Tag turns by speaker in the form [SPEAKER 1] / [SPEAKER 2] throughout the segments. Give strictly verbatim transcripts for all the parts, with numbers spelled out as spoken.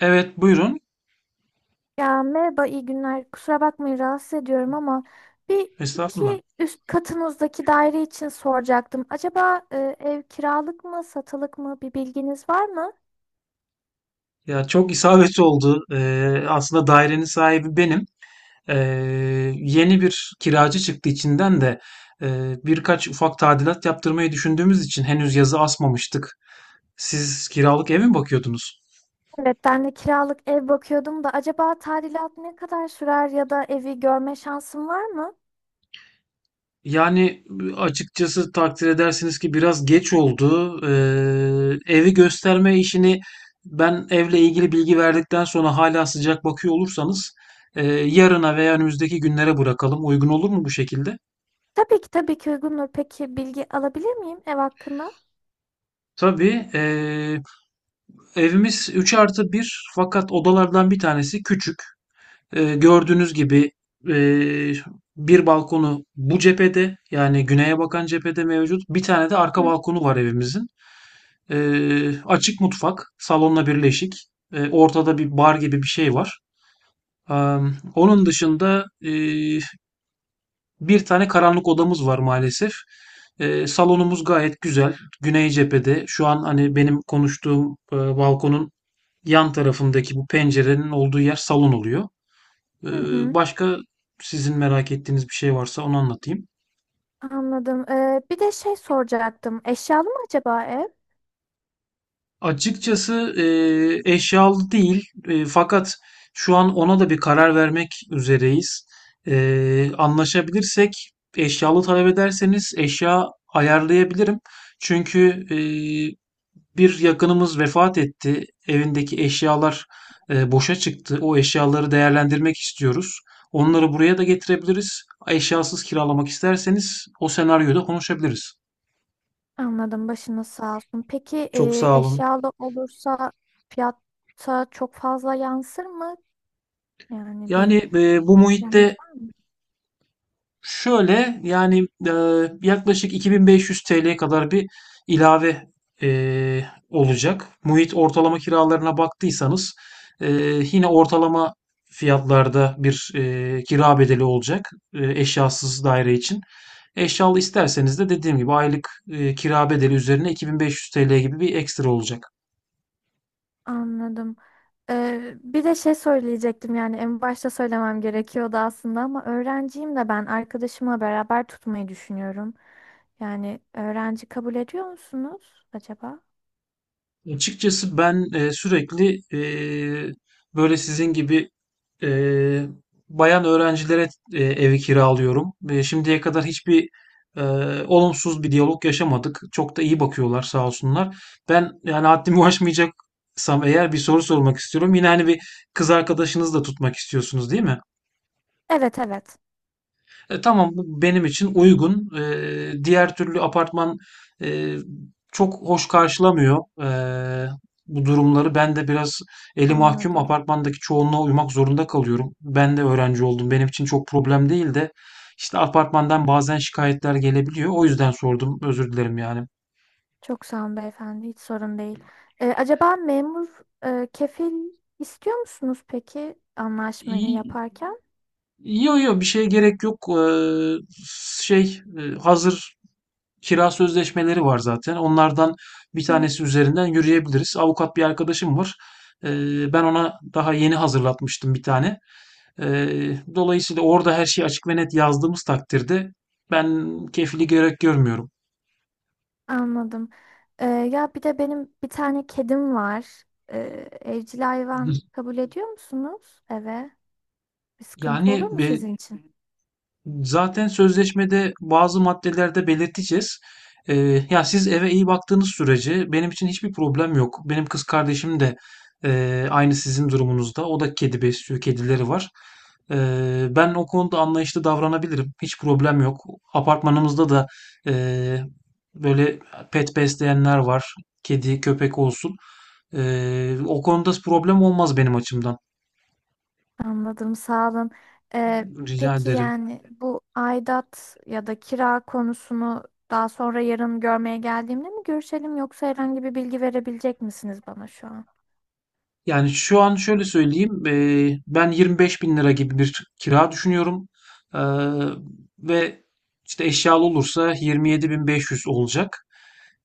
[SPEAKER 1] Evet, buyurun.
[SPEAKER 2] Ya merhaba, iyi günler. Kusura bakmayın rahatsız ediyorum ama bir
[SPEAKER 1] Estağfurullah.
[SPEAKER 2] iki üst katınızdaki daire için soracaktım. Acaba e, ev kiralık mı, satılık mı bir bilginiz var mı?
[SPEAKER 1] Ya çok isabet oldu. Ee, aslında dairenin sahibi benim. Ee, Yeni bir kiracı çıktı içinden de ee, birkaç ufak tadilat yaptırmayı düşündüğümüz için henüz yazı asmamıştık. Siz kiralık eve mi bakıyordunuz?
[SPEAKER 2] Evet, ben de kiralık ev bakıyordum da acaba tadilat ne kadar sürer ya da evi görme şansım var mı?
[SPEAKER 1] Yani açıkçası takdir edersiniz ki biraz geç oldu. Ee, evi gösterme işini ben evle ilgili bilgi verdikten sonra hala sıcak bakıyor olursanız e, yarına veya önümüzdeki günlere bırakalım. Uygun olur mu bu şekilde?
[SPEAKER 2] Tabii ki tabii ki uygundur. Peki bilgi alabilir miyim ev hakkında?
[SPEAKER 1] Tabii. E, evimiz üç artı bir, fakat odalardan bir tanesi küçük. E, gördüğünüz gibi e, bir balkonu bu cephede, yani güneye bakan cephede mevcut. Bir tane de arka balkonu var evimizin. Ee, açık mutfak, salonla birleşik. Ee, ortada bir bar gibi bir şey var. Ee, Onun dışında e, bir tane karanlık odamız var maalesef. Ee, salonumuz gayet güzel, güney cephede. Şu an hani benim konuştuğum e, balkonun yan tarafındaki bu pencerenin olduğu yer salon oluyor. Ee,
[SPEAKER 2] Hı hı,
[SPEAKER 1] başka sizin merak ettiğiniz bir şey varsa onu anlatayım.
[SPEAKER 2] anladım. Ee, bir de şey soracaktım. Eşyalı mı acaba ev?
[SPEAKER 1] Açıkçası eee, eşyalı değil, Eee, fakat şu an ona da bir karar vermek üzereyiz. Eee, anlaşabilirsek eşyalı talep ederseniz eşya ayarlayabilirim. Çünkü eee, bir yakınımız vefat etti. Evindeki eşyalar eee, boşa çıktı. O eşyaları değerlendirmek istiyoruz. Onları buraya da getirebiliriz. Eşyasız kiralamak isterseniz o senaryoda konuşabiliriz.
[SPEAKER 2] Anladım, başınız sağ olsun. Peki
[SPEAKER 1] Çok
[SPEAKER 2] e,
[SPEAKER 1] sağ olun.
[SPEAKER 2] eşyalı olursa fiyata çok fazla yansır mı? Yani bir
[SPEAKER 1] Yani e, bu
[SPEAKER 2] yanınız
[SPEAKER 1] muhitte,
[SPEAKER 2] var mı?
[SPEAKER 1] şöyle yani, e, yaklaşık iki bin beş yüz T L'ye kadar bir ilave e, olacak. Muhit ortalama kiralarına baktıysanız e, yine ortalama fiyatlarda bir e, kira bedeli olacak e, eşyasız daire için. Eşyalı isterseniz de dediğim gibi aylık e, kira bedeli üzerine iki bin beş yüz T L gibi bir ekstra olacak.
[SPEAKER 2] Anladım. Ee, bir de şey söyleyecektim, yani en başta söylemem gerekiyordu aslında ama öğrenciyim de, ben arkadaşımla beraber tutmayı düşünüyorum. Yani öğrenci kabul ediyor musunuz acaba?
[SPEAKER 1] Açıkçası ben e, sürekli e, böyle sizin gibi e, bayan öğrencilere e, evi kiralıyorum. Ve şimdiye kadar hiçbir e, olumsuz bir diyalog yaşamadık. Çok da iyi bakıyorlar sağ olsunlar. Ben, yani haddimi aşmayacaksam eğer, bir soru sormak istiyorum. Yine hani bir kız arkadaşınız da tutmak istiyorsunuz, değil mi?
[SPEAKER 2] Evet evet,
[SPEAKER 1] E, tamam, bu benim için uygun. E, diğer türlü apartman e, çok hoş karşılamıyor e, bu durumları. Ben de biraz eli mahkum,
[SPEAKER 2] anladım.
[SPEAKER 1] apartmandaki çoğunluğa uymak zorunda kalıyorum. Ben de öğrenci oldum, benim için çok problem değil de işte apartmandan bazen şikayetler gelebiliyor. O yüzden sordum. Özür dilerim yani.
[SPEAKER 2] Çok sağ olun beyefendi, hiç sorun değil. Ee, acaba memur e, kefil istiyor musunuz peki anlaşmayı
[SPEAKER 1] İyi,
[SPEAKER 2] yaparken?
[SPEAKER 1] yo yok, bir şeye gerek yok. E, şey e, hazır kira sözleşmeleri var zaten. Onlardan bir tanesi üzerinden yürüyebiliriz. Avukat bir arkadaşım var. Eee, ben ona daha yeni hazırlatmıştım bir tane. Eee, dolayısıyla orada her şeyi açık ve net yazdığımız takdirde ben kefili gerek görmüyorum.
[SPEAKER 2] Anladım. Ee, ya bir de benim bir tane kedim var. Ee, Evcil hayvan kabul ediyor musunuz eve? Bir sıkıntı olur
[SPEAKER 1] Yani
[SPEAKER 2] mu
[SPEAKER 1] e,
[SPEAKER 2] sizin için?
[SPEAKER 1] zaten sözleşmede bazı maddelerde belirteceğiz. Ee, Ya siz eve iyi baktığınız sürece benim için hiçbir problem yok. Benim kız kardeşim de e, aynı sizin durumunuzda. O da kedi besliyor, kedileri var. Ee, ben o konuda anlayışlı davranabilirim, hiç problem yok. Apartmanımızda da e, böyle pet besleyenler var, kedi, köpek olsun. Ee, o konuda problem olmaz benim açımdan.
[SPEAKER 2] Anladım, sağ olun. Ee,
[SPEAKER 1] Rica
[SPEAKER 2] peki
[SPEAKER 1] ederim.
[SPEAKER 2] yani bu aidat ya da kira konusunu daha sonra yarın görmeye geldiğimde mi görüşelim, yoksa herhangi bir bilgi verebilecek misiniz bana şu an?
[SPEAKER 1] Yani şu an şöyle söyleyeyim, eee, ben yirmi beş bin lira gibi bir kira düşünüyorum. Eee, Ve işte eşyalı olursa yirmi yedi bin beş yüz olacak.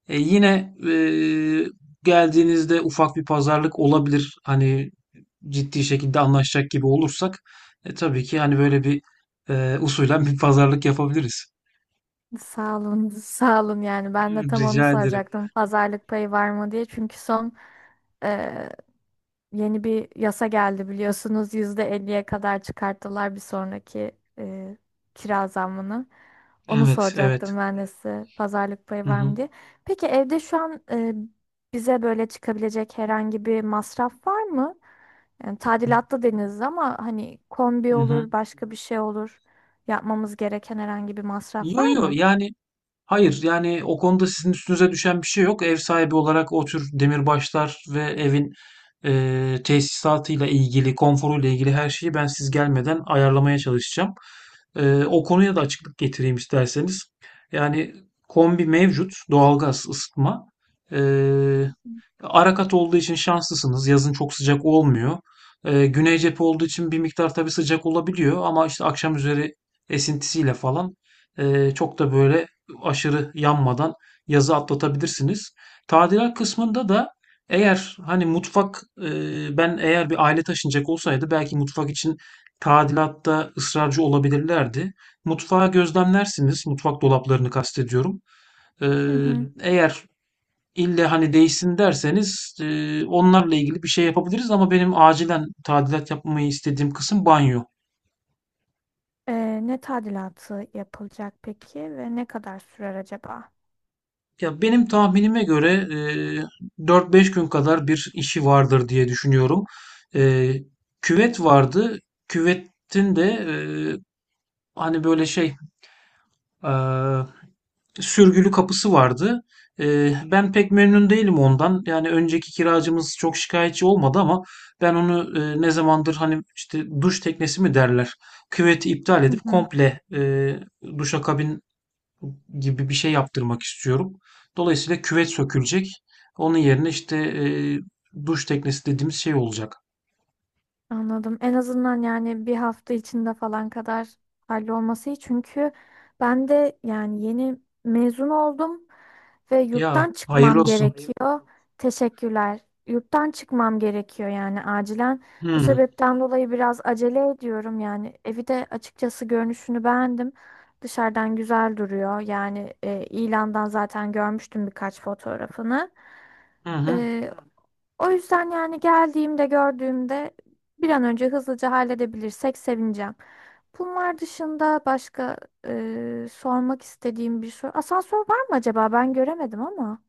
[SPEAKER 1] E, yine eee, geldiğinizde ufak bir pazarlık olabilir. Hani ciddi şekilde anlaşacak gibi olursak e, tabii ki, hani böyle bir eee usulen bir pazarlık yapabiliriz.
[SPEAKER 2] Sağ olun, sağ olun, yani ben de tam onu
[SPEAKER 1] Rica ederim.
[SPEAKER 2] soracaktım. Pazarlık payı var mı diye, çünkü son yeni bir yasa geldi biliyorsunuz. yüzde elliye kadar çıkarttılar bir sonraki e, kira zammını. Onu
[SPEAKER 1] Evet, evet.
[SPEAKER 2] soracaktım ben de size. Pazarlık payı
[SPEAKER 1] Hı
[SPEAKER 2] var
[SPEAKER 1] hı.
[SPEAKER 2] mı diye. Peki evde şu an e, bize böyle çıkabilecek herhangi bir masraf var mı? Yani tadilatta deniz ama hani
[SPEAKER 1] Hı
[SPEAKER 2] kombi
[SPEAKER 1] hı.
[SPEAKER 2] olur, başka bir şey olur. Yapmamız gereken herhangi bir masraf
[SPEAKER 1] Yo
[SPEAKER 2] var
[SPEAKER 1] yo,
[SPEAKER 2] mı?
[SPEAKER 1] yani hayır, yani o konuda sizin üstünüze düşen bir şey yok. Ev sahibi olarak o tür demirbaşlar ve evin eee tesisatıyla ilgili, konforuyla ilgili her şeyi ben siz gelmeden ayarlamaya çalışacağım. Eee, o konuya da açıklık getireyim isterseniz. Yani kombi mevcut, doğalgaz, ısıtma. Eee Arakat olduğu için şanslısınız, yazın çok sıcak olmuyor. Ee, güney cephe olduğu için bir miktar tabii sıcak olabiliyor ama işte akşam üzeri esintisiyle falan e, çok da böyle aşırı yanmadan yazı atlatabilirsiniz. Tadilat kısmında da, eğer hani mutfak, e, ben eğer bir aile taşınacak olsaydı belki mutfak için tadilatta ısrarcı olabilirlerdi. Mutfağı gözlemlersiniz, mutfak dolaplarını kastediyorum.
[SPEAKER 2] Hı
[SPEAKER 1] Ee,
[SPEAKER 2] hı.
[SPEAKER 1] Eğer İlle hani değişsin derseniz, eee, onlarla ilgili bir şey yapabiliriz, ama benim acilen tadilat yapmayı istediğim kısım banyo.
[SPEAKER 2] E, Ne tadilatı yapılacak peki ve ne kadar sürer acaba?
[SPEAKER 1] Ya benim tahminime göre eee dört beş gün kadar bir işi vardır diye düşünüyorum. Eee, Küvet vardı. Küvetin de eee, hani böyle şey eee sürgülü kapısı vardı. Ee, ben pek memnun değilim ondan. Yani önceki kiracımız çok şikayetçi olmadı ama ben onu e, ne zamandır hani, işte duş teknesi mi derler, küveti iptal
[SPEAKER 2] Hı
[SPEAKER 1] edip
[SPEAKER 2] hı.
[SPEAKER 1] komple e, duşakabin gibi bir şey yaptırmak istiyorum. Dolayısıyla küvet sökülecek, onun yerine işte e, duş teknesi dediğimiz şey olacak.
[SPEAKER 2] Anladım. En azından yani bir hafta içinde falan kadar hallolması iyi. Çünkü ben de yani yeni mezun oldum ve
[SPEAKER 1] Ya
[SPEAKER 2] yurttan
[SPEAKER 1] hayırlı
[SPEAKER 2] çıkmam
[SPEAKER 1] olsun.
[SPEAKER 2] gerekiyor. Teşekkürler. Yurttan çıkmam gerekiyor yani acilen. Bu
[SPEAKER 1] Hı,
[SPEAKER 2] sebepten dolayı biraz acele ediyorum yani. Evi de açıkçası görünüşünü beğendim. Dışarıdan güzel duruyor. Yani e, ilandan zaten görmüştüm birkaç fotoğrafını.
[SPEAKER 1] hı hı.
[SPEAKER 2] O yüzden yani geldiğimde gördüğümde bir an önce hızlıca halledebilirsek sevineceğim. Bunlar dışında başka e, sormak istediğim bir soru. Asansör var mı acaba? Ben göremedim ama.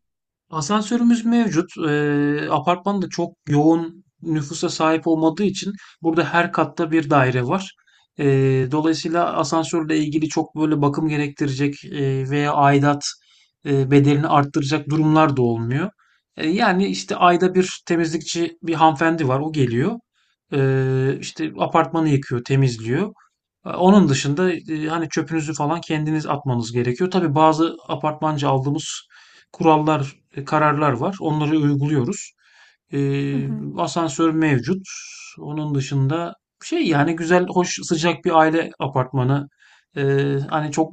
[SPEAKER 1] Asansörümüz mevcut. Eee, apartman da çok yoğun nüfusa sahip olmadığı için burada her katta bir daire var. Eee, dolayısıyla asansörle ilgili çok böyle bakım gerektirecek eee, veya aidat eee, bedelini arttıracak durumlar da olmuyor. Eee, yani işte ayda bir temizlikçi bir hanımefendi var, o geliyor. Eee işte apartmanı yıkıyor, temizliyor. E, Onun dışında e, hani çöpünüzü falan kendiniz atmanız gerekiyor. Tabii bazı apartmanca aldığımız kurallar, e, kararlar var, onları uyguluyoruz.
[SPEAKER 2] Hı
[SPEAKER 1] E,
[SPEAKER 2] hı.
[SPEAKER 1] Asansör mevcut. Onun dışında, şey yani, güzel, hoş, sıcak bir aile apartmanı. E, Hani çok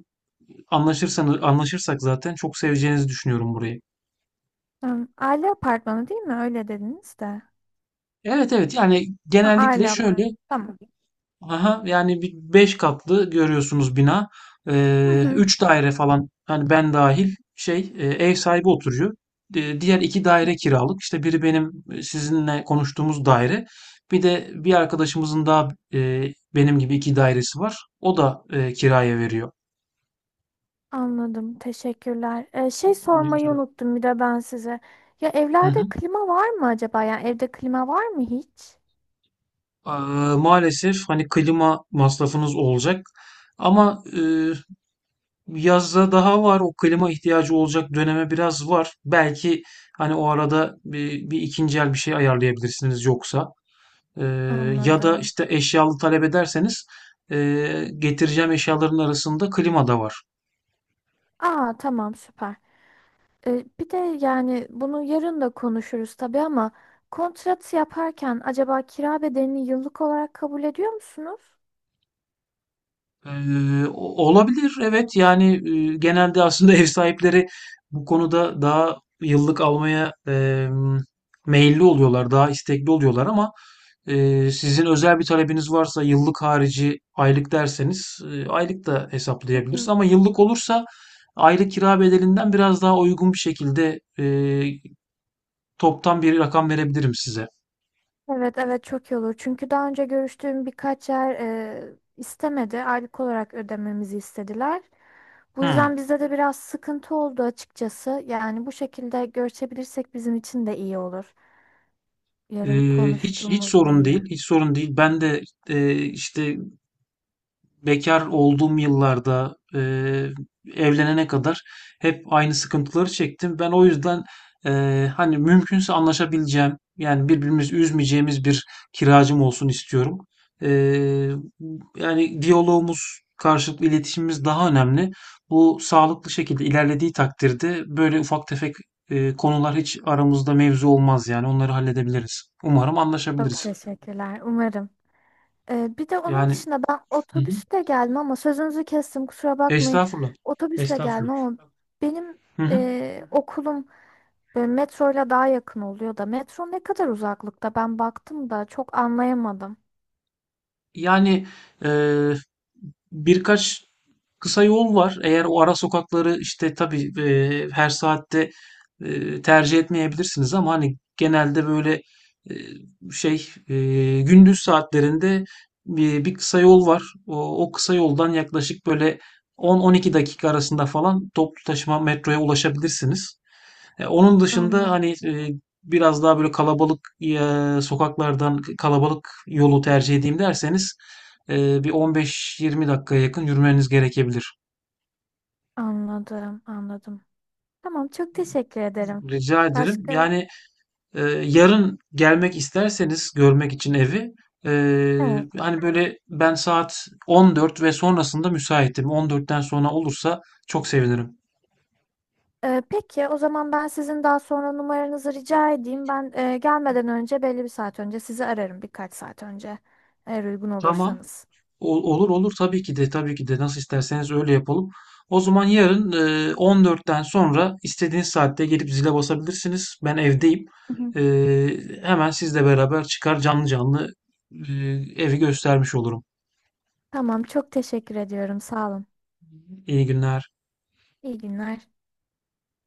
[SPEAKER 1] anlaşırsanız anlaşırsak zaten çok seveceğinizi düşünüyorum burayı.
[SPEAKER 2] Tamam. Aile apartmanı değil mi? Öyle dediniz de.
[SPEAKER 1] Evet, evet, yani
[SPEAKER 2] Ha,
[SPEAKER 1] genellikle
[SPEAKER 2] aile apartmanı.
[SPEAKER 1] şöyle.
[SPEAKER 2] Tamam.
[SPEAKER 1] Aha, yani bir beş katlı görüyorsunuz bina.
[SPEAKER 2] Hı
[SPEAKER 1] Ee,
[SPEAKER 2] hı.
[SPEAKER 1] üç daire falan, hani ben dahil, şey e, ev sahibi oturuyor. Di- diğer iki daire kiralık. İşte biri benim e, sizinle konuştuğumuz daire. Bir de bir arkadaşımızın daha e, benim gibi iki dairesi var, o da e, kiraya veriyor.
[SPEAKER 2] Anladım. Teşekkürler. Ee, şey
[SPEAKER 1] Birinci
[SPEAKER 2] sormayı
[SPEAKER 1] olarak.
[SPEAKER 2] unuttum bir de ben size. Ya
[SPEAKER 1] Hı hı.
[SPEAKER 2] evlerde klima var mı acaba? Yani evde klima var mı hiç?
[SPEAKER 1] Ee, Maalesef hani klima masrafınız olacak. Ama e, yazda daha var, o klima ihtiyacı olacak döneme biraz var. Belki hani o arada bir, bir ikinci el bir şey ayarlayabilirsiniz, yoksa. Ee, Ya da
[SPEAKER 2] Anladım.
[SPEAKER 1] işte eşyalı talep ederseniz ee, getireceğim eşyaların arasında klima da var.
[SPEAKER 2] Aa tamam, süper. E, bir de yani bunu yarın da konuşuruz tabii ama kontrat yaparken acaba kira bedelini yıllık olarak kabul ediyor musunuz?
[SPEAKER 1] Eee, o- olabilir evet, yani e, genelde aslında ev sahipleri bu konuda daha yıllık almaya eee, meyilli oluyorlar, daha istekli oluyorlar, ama eee, sizin özel bir talebiniz varsa, yıllık harici aylık derseniz, e, aylık da
[SPEAKER 2] Hı
[SPEAKER 1] hesaplayabiliriz,
[SPEAKER 2] hı.
[SPEAKER 1] ama yıllık olursa aylık kira bedelinden biraz daha uygun bir şekilde eee, toptan bir rakam verebilirim size.
[SPEAKER 2] Evet evet, çok iyi olur. Çünkü daha önce görüştüğüm birkaç yer e, istemedi. Aylık olarak ödememizi istediler. Bu
[SPEAKER 1] Hmm.
[SPEAKER 2] yüzden bizde de biraz sıkıntı oldu açıkçası. Yani bu şekilde görüşebilirsek bizim için de iyi olur. Yarın
[SPEAKER 1] Ee, hiç hiç
[SPEAKER 2] konuştuğumuzda
[SPEAKER 1] sorun değil,
[SPEAKER 2] yine.
[SPEAKER 1] hiç sorun değil. Ben de e, işte bekar olduğum yıllarda, eee, evlenene kadar, hep aynı sıkıntıları çektim. Ben o yüzden eee, hani, mümkünse anlaşabileceğim, yani birbirimizi üzmeyeceğimiz bir kiracım olsun istiyorum. Eee, Yani diyalogumuz, karşılıklı iletişimimiz daha önemli. Bu sağlıklı şekilde ilerlediği takdirde böyle ufak tefek eee, konular hiç aramızda mevzu olmaz, yani onları halledebiliriz. Umarım
[SPEAKER 2] Çok
[SPEAKER 1] anlaşabiliriz.
[SPEAKER 2] teşekkürler. Umarım. E, bir de onun
[SPEAKER 1] Yani
[SPEAKER 2] dışında ben
[SPEAKER 1] hı hı.
[SPEAKER 2] otobüsle gelmem ama sözünüzü kestim, kusura bakmayın.
[SPEAKER 1] Estağfurullah.
[SPEAKER 2] Otobüsle
[SPEAKER 1] Estağfurullah.
[SPEAKER 2] gelmem ama benim
[SPEAKER 1] Hı hı.
[SPEAKER 2] e, okulum E, metroyla daha yakın oluyor da, metro ne kadar uzaklıkta? Ben baktım da çok anlayamadım.
[SPEAKER 1] Yani eee, birkaç kısa yol var. Eğer o ara sokakları, işte tabii eee, her saatte eee, tercih etmeyebilirsiniz, ama hani genelde böyle eee, şey eee, gündüz saatlerinde bir, bir kısa yol var. O, o kısa yoldan yaklaşık böyle on on iki dakika arasında falan toplu taşıma metroya ulaşabilirsiniz. E, onun dışında,
[SPEAKER 2] Anladım,
[SPEAKER 1] hani e, biraz daha böyle kalabalık e, sokaklardan, kalabalık yolu tercih edeyim derseniz, e, bir on beş yirmi dakikaya yakın yürümeniz gerekebilir.
[SPEAKER 2] anladım, anladım. Tamam, çok teşekkür ederim.
[SPEAKER 1] Rica ederim.
[SPEAKER 2] Başka?
[SPEAKER 1] Yani e, yarın gelmek isterseniz görmek için evi, e,
[SPEAKER 2] Evet.
[SPEAKER 1] hani böyle, ben saat on dört ve sonrasında müsaitim. on dörtten sonra olursa çok sevinirim.
[SPEAKER 2] E, peki o zaman ben sizin daha sonra numaranızı rica edeyim. Ben e, gelmeden önce belli bir saat önce sizi ararım, birkaç saat önce eğer uygun
[SPEAKER 1] Tamam.
[SPEAKER 2] olursanız.
[SPEAKER 1] Ol- Olur olur, tabii ki de, tabii ki de, nasıl isterseniz öyle yapalım. O zaman yarın e, on dörtten sonra istediğiniz saatte gelip zile basabilirsiniz, ben evdeyim.
[SPEAKER 2] Hı hı.
[SPEAKER 1] E, Hemen sizle beraber çıkar, canlı canlı e, evi göstermiş olurum.
[SPEAKER 2] Tamam, çok teşekkür ediyorum. Sağ olun.
[SPEAKER 1] İyi günler.
[SPEAKER 2] İyi günler.